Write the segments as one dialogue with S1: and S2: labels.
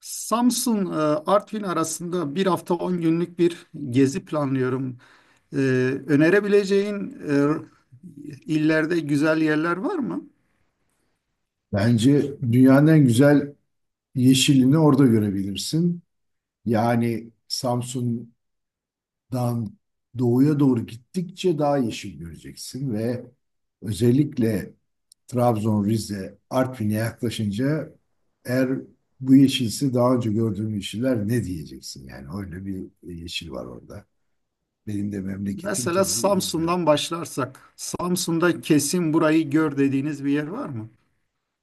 S1: Samsun, Artvin arasında bir hafta 10 günlük bir gezi planlıyorum. E, önerebileceğin illerde güzel yerler var mı?
S2: Bence dünyanın en güzel yeşilini orada görebilirsin. Yani Samsun'dan doğuya doğru gittikçe daha yeşil göreceksin ve özellikle Trabzon, Rize, Artvin'e yaklaşınca eğer bu yeşilse daha önce gördüğüm yeşiller ne diyeceksin? Yani öyle bir yeşil var orada. Benim de memleketim
S1: Mesela
S2: tabii iyi biliyorum.
S1: Samsun'dan başlarsak, Samsun'da kesin burayı gör dediğiniz bir yer var mı?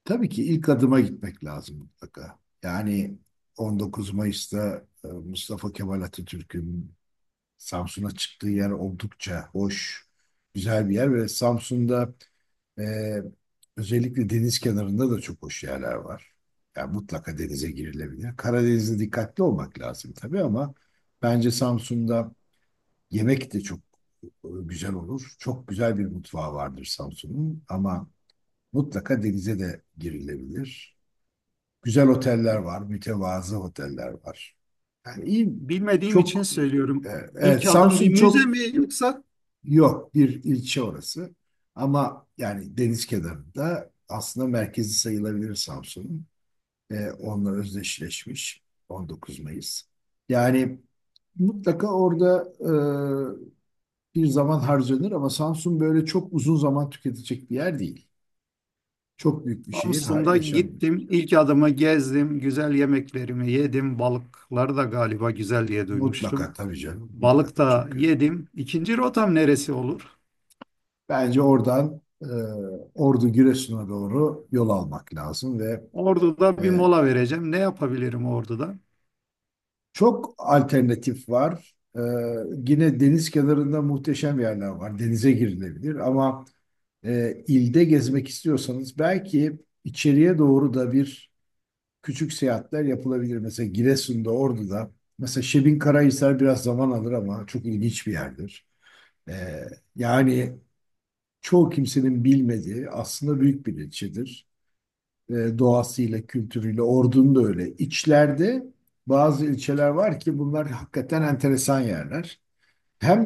S2: Tabii ki ilk adıma gitmek lazım mutlaka. Yani 19 Mayıs'ta Mustafa Kemal Atatürk'ün Samsun'a çıktığı yer oldukça hoş, güzel bir yer ve Samsun'da e, özellikle deniz kenarında da çok hoş yerler var. Yani mutlaka denize girilebilir. Karadeniz'de dikkatli olmak lazım tabii ama bence Samsun'da yemek de çok güzel olur. Çok güzel bir mutfağı vardır Samsun'un ama mutlaka denize de girilebilir. Güzel oteller var, mütevazı oteller var. Yani iyi,
S1: Bilmediğim için
S2: çok, e,
S1: söylüyorum. İlk
S2: evet,
S1: adım bir
S2: Samsun
S1: müze
S2: çok.
S1: mi yoksa
S2: Yok, bir ilçe orası. Ama yani deniz kenarında aslında merkezi sayılabilir Samsun'un. E, onunla özdeşleşmiş 19 Mayıs. Yani mutlaka orada bir zaman harcanır ama Samsun böyle çok uzun zaman tüketecek bir yer değil. Çok büyük bir şehir, ha,
S1: Samsun'da
S2: yaşanmıyor.
S1: gittim, ilk adımı gezdim, güzel yemeklerimi yedim, balıkları da galiba güzel diye
S2: Mutlaka
S1: duymuştum.
S2: tabii canım, mutlaka çok.
S1: Balıkta yedim. İkinci rotam neresi olur?
S2: Bence oradan Ordu Giresun'a doğru yol almak lazım ve e,
S1: Ordu'da bir mola vereceğim. Ne yapabilirim Ordu'da?
S2: çok alternatif var. E, yine deniz kenarında muhteşem yerler var. Denize girilebilir ama ilde gezmek istiyorsanız belki içeriye doğru da bir küçük seyahatler yapılabilir. Mesela Giresun'da, Ordu'da. Mesela Şebinkarahisar biraz zaman alır ama çok ilginç bir yerdir. E, yani çoğu kimsenin bilmediği aslında büyük bir ilçedir. Doğasıyla, kültürüyle, Ordu'nun da öyle. İçlerde bazı ilçeler var ki bunlar hakikaten enteresan yerler. Hem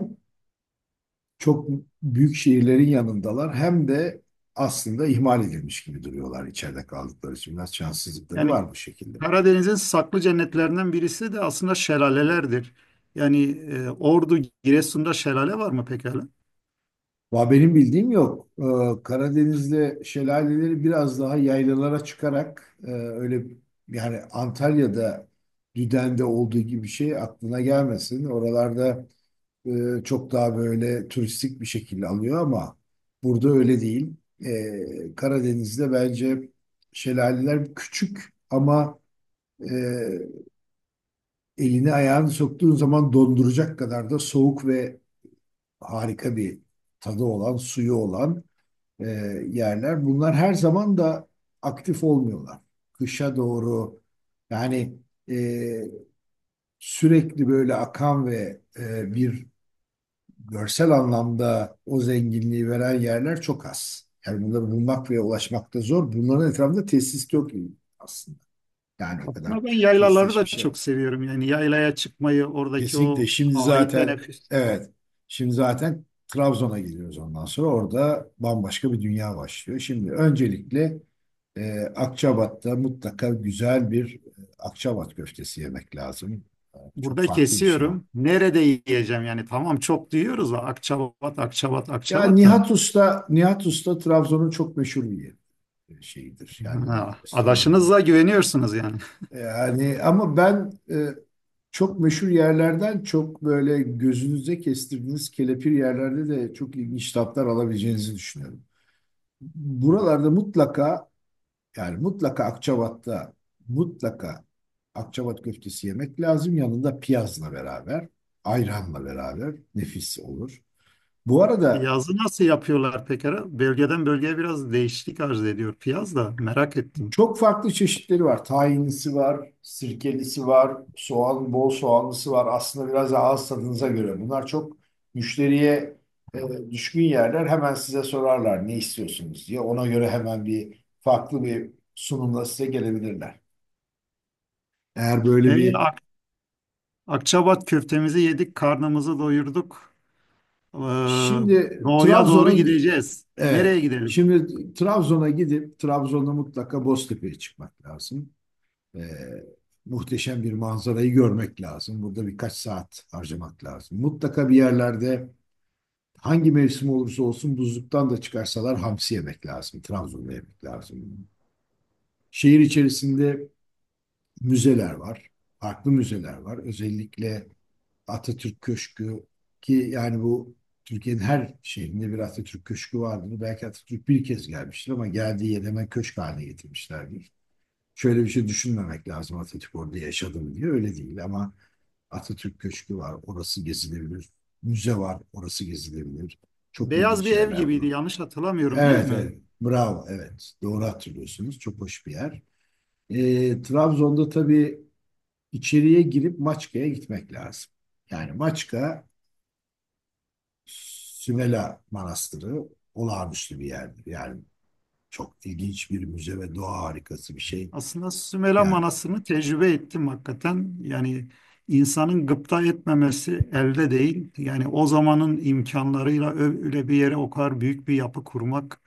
S2: çok büyük şehirlerin yanındalar hem de aslında ihmal edilmiş gibi duruyorlar içeride kaldıkları için. Biraz şanssızlıkları
S1: Yani
S2: var bu şekilde.
S1: Karadeniz'in saklı cennetlerinden birisi de aslında şelalelerdir. Yani Ordu, Giresun'da şelale var mı pekala?
S2: Va benim bildiğim yok. Karadeniz'de şelaleleri biraz daha yaylalara çıkarak öyle, yani Antalya'da Düden'de olduğu gibi bir şey aklına gelmesin. Oralarda çok daha böyle turistik bir şekilde alıyor ama burada öyle değil. E, Karadeniz'de bence şelaleler küçük ama e, elini ayağını soktuğun zaman donduracak kadar da soğuk ve harika bir tadı olan, suyu olan e, yerler. Bunlar her zaman da aktif olmuyorlar. Kışa doğru, yani, e, sürekli böyle akan ve bir görsel anlamda o zenginliği veren yerler çok az. Yani bunları bulmak ve ulaşmak da zor. Bunların etrafında tesis yok aslında. Yani o kadar
S1: Aslında ben yaylaları da
S2: tesisleşmiş yer yok.
S1: çok seviyorum. Yani yaylaya çıkmayı, oradaki
S2: Kesinlikle,
S1: o
S2: şimdi
S1: havayı
S2: zaten
S1: teneffüs.
S2: evet şimdi zaten Trabzon'a gidiyoruz, ondan sonra orada bambaşka bir dünya başlıyor. Şimdi öncelikle Akçabat'ta mutlaka güzel bir Akçabat köftesi yemek lazım. E, çok
S1: Burada
S2: farklı bir şey.
S1: kesiyorum. Nerede yiyeceğim yani? Tamam çok duyuyoruz da Akçabat, Akçabat,
S2: Ya,
S1: Akçabat da.
S2: Nihat Usta, Nihat Usta Trabzon'un çok meşhur bir yeri. Şeyidir, yani
S1: Ha, adaşınıza
S2: restorandır.
S1: güveniyorsunuz yani.
S2: Yani ama ben, çok meşhur yerlerden çok böyle gözünüze kestirdiğiniz kelepir yerlerde de çok ilginç tatlar alabileceğinizi düşünüyorum. Buralarda mutlaka, yani mutlaka Akçabat'ta, mutlaka Akçabat köftesi yemek lazım. Yanında piyazla beraber, ayranla beraber nefis olur. Bu arada
S1: Piyazı nasıl yapıyorlar pekala? Bölgeden bölgeye biraz değişiklik arz ediyor piyaz da merak ettim.
S2: çok farklı çeşitleri var. Tahinlisi var, sirkelisi var, soğan, bol soğanlısı var. Aslında biraz da ağız tadınıza göre. Bunlar çok müşteriye düşkün yerler. Hemen size sorarlar ne istiyorsunuz diye. Ona göre hemen farklı bir sunumla size gelebilirler. Eğer
S1: E,
S2: böyle bir...
S1: Ak- Akçabat köftemizi yedik, karnımızı doyurduk. Ee,
S2: Şimdi
S1: doğuya doğru
S2: Trabzon'a...
S1: gideceğiz.
S2: Evet.
S1: Nereye gidelim?
S2: Şimdi Trabzon'a gidip Trabzon'a mutlaka Boztepe'ye çıkmak lazım. E, muhteşem bir manzarayı görmek lazım. Burada birkaç saat harcamak lazım. Mutlaka bir yerlerde, hangi mevsim olursa olsun, buzluktan da çıkarsalar hamsi yemek lazım. Trabzon'da yemek lazım. Şehir içerisinde müzeler var. Farklı müzeler var. Özellikle Atatürk Köşkü, ki yani bu, Türkiye'nin her şehrinde bir Atatürk Köşkü vardır. Belki Atatürk bir kez gelmiştir ama geldiği yer hemen köşk haline getirmişlerdir. Şöyle bir şey düşünmemek lazım: Atatürk orada yaşadım diye, öyle değil, ama Atatürk Köşkü var, orası gezilebilir. Müze var, orası gezilebilir. Çok
S1: Beyaz
S2: ilginç
S1: bir ev
S2: yerler
S1: gibiydi
S2: bunlar.
S1: yanlış hatırlamıyorum değil
S2: Evet,
S1: mi?
S2: evet, bravo, evet, doğru hatırlıyorsunuz, çok hoş bir yer. Trabzon'da tabii içeriye girip Maçka'ya gitmek lazım. Yani Maçka Sümela Manastırı olağanüstü bir yerdir. Yani çok ilginç bir müze ve doğa harikası bir şey.
S1: Aslında Sümela
S2: Yani.
S1: Manası'nı tecrübe ettim hakikaten. Yani insanın gıpta etmemesi elde değil. Yani o zamanın imkanlarıyla öyle bir yere o kadar büyük bir yapı kurmak.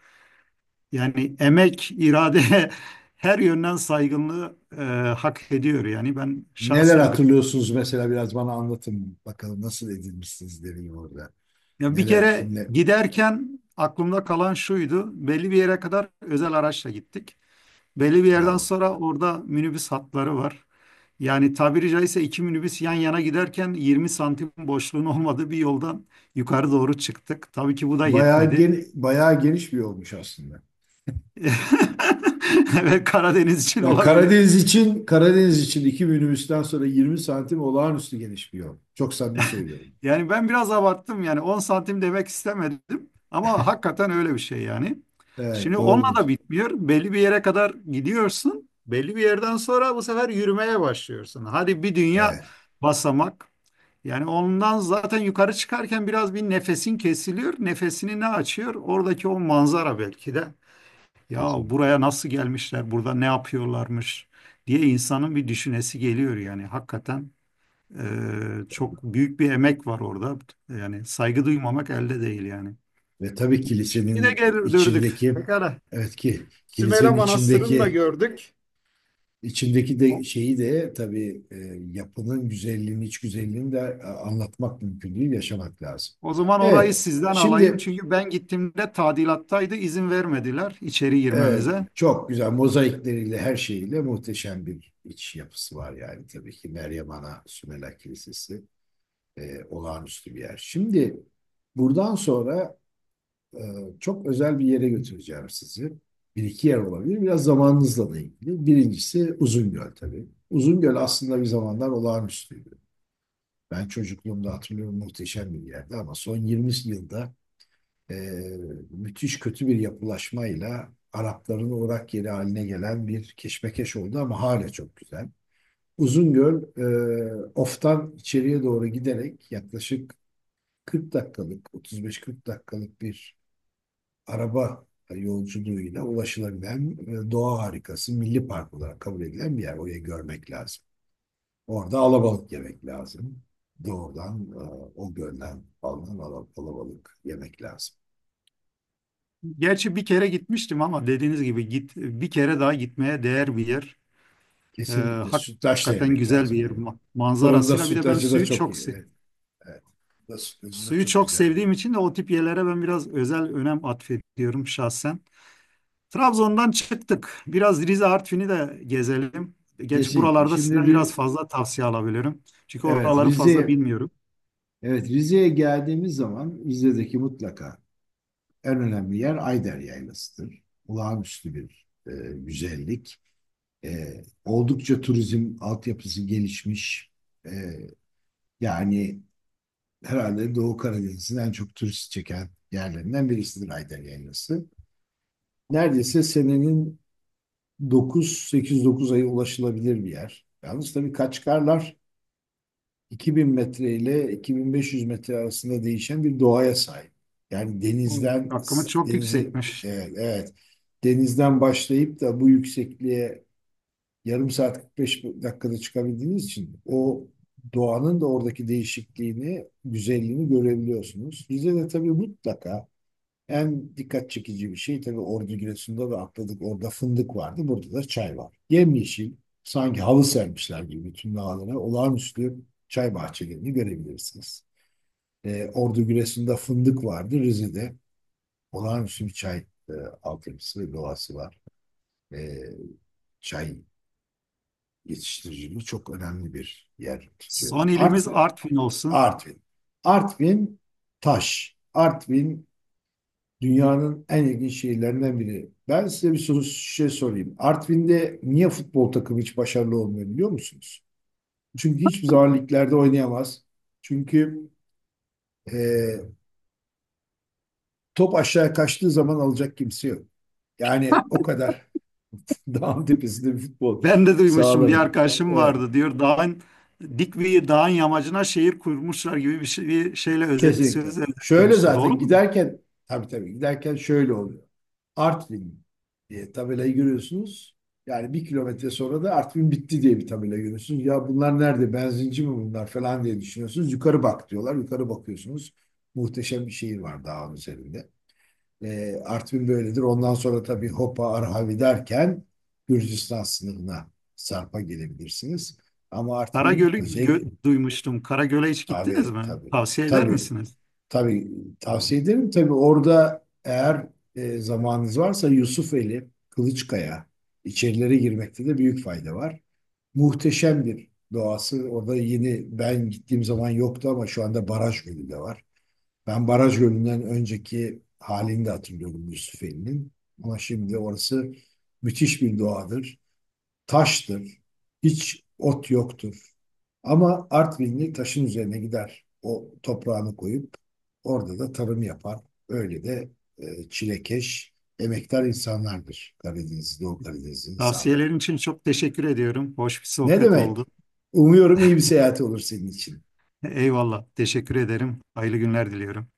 S1: Yani emek, irade her yönden saygınlığı hak ediyor. Yani ben
S2: Neler
S1: şahsen gıp.
S2: hatırlıyorsunuz mesela? Biraz bana anlatın bakalım, nasıl edinmişsiniz deneyim orada?
S1: Ya bir
S2: Neler,
S1: kere
S2: kimle,
S1: giderken aklımda kalan şuydu. Belli bir yere kadar özel araçla gittik. Belli bir yerden
S2: bravo.
S1: sonra orada minibüs hatları var. Yani tabiri caizse iki minibüs yan yana giderken 20 santim boşluğun olmadığı bir yoldan yukarı doğru çıktık. Tabii ki bu da
S2: Bayağı
S1: yetmedi.
S2: geni, bayağı geniş bir olmuş aslında.
S1: Evet Karadeniz için
S2: Ya,
S1: olabilir.
S2: Karadeniz için, Karadeniz için iki minibüsten sonra 20 santim olağanüstü geniş bir yol. Çok samimi söylüyorum.
S1: Yani ben biraz abarttım yani 10 santim demek istemedim ama hakikaten öyle bir şey yani.
S2: Evet,
S1: Şimdi onunla
S2: doğrudur.
S1: da bitmiyor. Belli bir yere kadar gidiyorsun. Belli bir yerden sonra bu sefer yürümeye başlıyorsun. Hadi bir dünya
S2: Evet,
S1: basamak. Yani ondan zaten yukarı çıkarken biraz bir nefesin kesiliyor. Nefesini ne açıyor? Oradaki o manzara belki de. Ya
S2: kesinlikle.
S1: buraya nasıl gelmişler? Burada ne yapıyorlarmış diye insanın bir düşünesi geliyor yani. Hakikaten çok büyük bir emek var orada. Yani saygı duymamak elde değil yani.
S2: Ve tabii
S1: Bir de
S2: kilisenin
S1: gel gördük.
S2: içindeki,
S1: Pekala.
S2: evet, ki
S1: Sümele
S2: kilisenin
S1: Manastırı'nı da
S2: içindeki,
S1: gördük.
S2: İçindeki de,
S1: O,
S2: şeyi de tabii, yapının güzelliğini, iç güzelliğini de anlatmak mümkün değil, yaşamak lazım.
S1: o zaman orayı
S2: Evet,
S1: sizden alayım.
S2: şimdi
S1: Çünkü ben gittiğimde tadilattaydı. İzin vermediler içeri
S2: e,
S1: girmemize.
S2: çok güzel mozaikleriyle, her şeyiyle muhteşem bir iç yapısı var. Yani tabii ki Meryem Ana Sümela Kilisesi olağanüstü bir yer. Şimdi buradan sonra e, çok özel bir yere götüreceğim sizi. Bir iki yer olabilir. Biraz zamanınızla da ilgili. Birincisi Uzungöl tabii. Uzungöl aslında bir zamanlar olağanüstüydü. Ben çocukluğumda hatırlıyorum, muhteşem bir yerdi ama son 20 yılda e, müthiş kötü bir yapılaşmayla Arapların uğrak yeri haline gelen bir keşmekeş oldu, ama hala çok güzel. Uzungöl, Of'tan içeriye doğru giderek yaklaşık 40 dakikalık, 35-40 dakikalık bir araba yolculuğuyla ulaşılabilen, doğa harikası, milli park olarak kabul edilen bir yer. Orayı görmek lazım. Orada alabalık yemek lazım. Doğrudan o gölden alınan alabalık yemek lazım.
S1: Gerçi bir kere gitmiştim ama dediğiniz gibi git bir kere daha gitmeye değer bir yer. Ee,
S2: Kesinlikle sütlaç da
S1: hakikaten
S2: yemek
S1: güzel bir
S2: lazım,
S1: yer
S2: yani. Fırında
S1: manzarasıyla. Bir de ben
S2: sütlacı da çok iyi. Evet, evet. Fırında sütlacı da
S1: suyu
S2: çok
S1: çok
S2: güzeldir.
S1: sevdiğim için de o tip yerlere ben biraz özel önem atfediyorum şahsen. Trabzon'dan çıktık. Biraz Rize Artvin'i de gezelim. Geç
S2: Kesinlikle.
S1: buralarda
S2: Şimdi
S1: sizden biraz
S2: Ri-
S1: fazla tavsiye alabilirim. Çünkü
S2: evet
S1: oraları fazla
S2: Rize
S1: bilmiyorum.
S2: evet Rize'ye geldiğimiz zaman Rize'deki mutlaka en önemli yer Ayder Yaylası'dır. Olağanüstü bir güzellik. E, oldukça turizm altyapısı gelişmiş. E, yani herhalde Doğu Karadeniz'in en çok turist çeken yerlerinden birisidir Ayder Yaylası. Neredeyse senenin 9, 8-9 ayı ulaşılabilir bir yer. Yalnız tabii Kaçkarlar 2000 metre ile 2500 metre arasında değişen bir doğaya sahip. Yani denizden
S1: Hakkımız çok
S2: denizi
S1: yüksekmiş.
S2: evet, evet denizden başlayıp da bu yüksekliğe yarım saat 45 dakikada çıkabildiğiniz için o doğanın da oradaki değişikliğini, güzelliğini görebiliyorsunuz. Rize'de tabii mutlaka en dikkat çekici bir şey, tabii Ordu Giresun'da ve atladık orada, fındık vardı. Burada da çay var. Yemyeşil, sanki halı sermişler gibi bütün dağlara, olağanüstü çay bahçelerini görebilirsiniz. Ordu Giresun'da fındık vardı. Rize'de olağanüstü bir çay e, altyapısı ve doğası var. Ee, çay yetiştiriciliği çok önemli bir yer tutuyor.
S1: Son ilimiz
S2: Artvin,
S1: Artvin olsun.
S2: Artvin. Artvin taş. Artvin dünyanın en ilginç şehirlerinden biri. Ben size bir soru sorayım. Artvin'de niye futbol takımı hiç başarılı olmuyor biliyor musunuz? Çünkü hiçbir zaman liglerde oynayamaz. Çünkü e, top aşağıya kaçtığı zaman alacak kimse yok. Yani o kadar dağın tepesinde bir futbol
S1: Ben de duymuşum bir
S2: sağlarım.
S1: arkadaşım
S2: Evet.
S1: vardı diyor dik bir dağın yamacına şehir kurmuşlar gibi bir şeyle özet
S2: Kesinlikle.
S1: sözle
S2: Şöyle
S1: özetlemişti. Doğru
S2: zaten
S1: mu?
S2: giderken, tabii tabii, giderken şöyle oluyor. Artvin diye tabelayı görüyorsunuz. Yani bir kilometre sonra da Artvin bitti diye bir tabela görüyorsunuz. Ya bunlar nerede? Benzinci mi bunlar falan diye düşünüyorsunuz. Yukarı bak diyorlar. Yukarı bakıyorsunuz. Muhteşem bir şehir var dağın üzerinde. Artvin böyledir. Ondan sonra tabii Hopa, Arhavi derken Gürcistan sınırına, Sarp'a gelebilirsiniz. Ama Artvin özellikle,
S1: Duymuştum. Karagöl'e hiç gittiniz
S2: tabii,
S1: mi?
S2: tabii,
S1: Tavsiye eder
S2: tabii.
S1: misiniz?
S2: Tabii tavsiye ederim. Tabii orada eğer zamanınız varsa Yusufeli, Kılıçkaya, içerilere girmekte de büyük fayda var. Muhteşem bir doğası. Orada yeni, ben gittiğim zaman yoktu ama şu anda Baraj Gölü de var. Ben Baraj Gölü'nden önceki halini de hatırlıyorum Yusufeli'nin. Ama şimdi orası müthiş bir doğadır, taştır. Hiç ot yoktur. Ama Artvinli taşın üzerine gider, o toprağını koyup orada da tarım yapar. Öyle de çilekeş, emektar insanlardır Karadeniz, Doğu Karadeniz insanları.
S1: Tavsiyelerin için çok teşekkür ediyorum. Hoş bir
S2: Ne
S1: sohbet oldu.
S2: demek? Umuyorum iyi bir seyahat olur senin için.
S1: Eyvallah. Teşekkür ederim. Hayırlı günler diliyorum.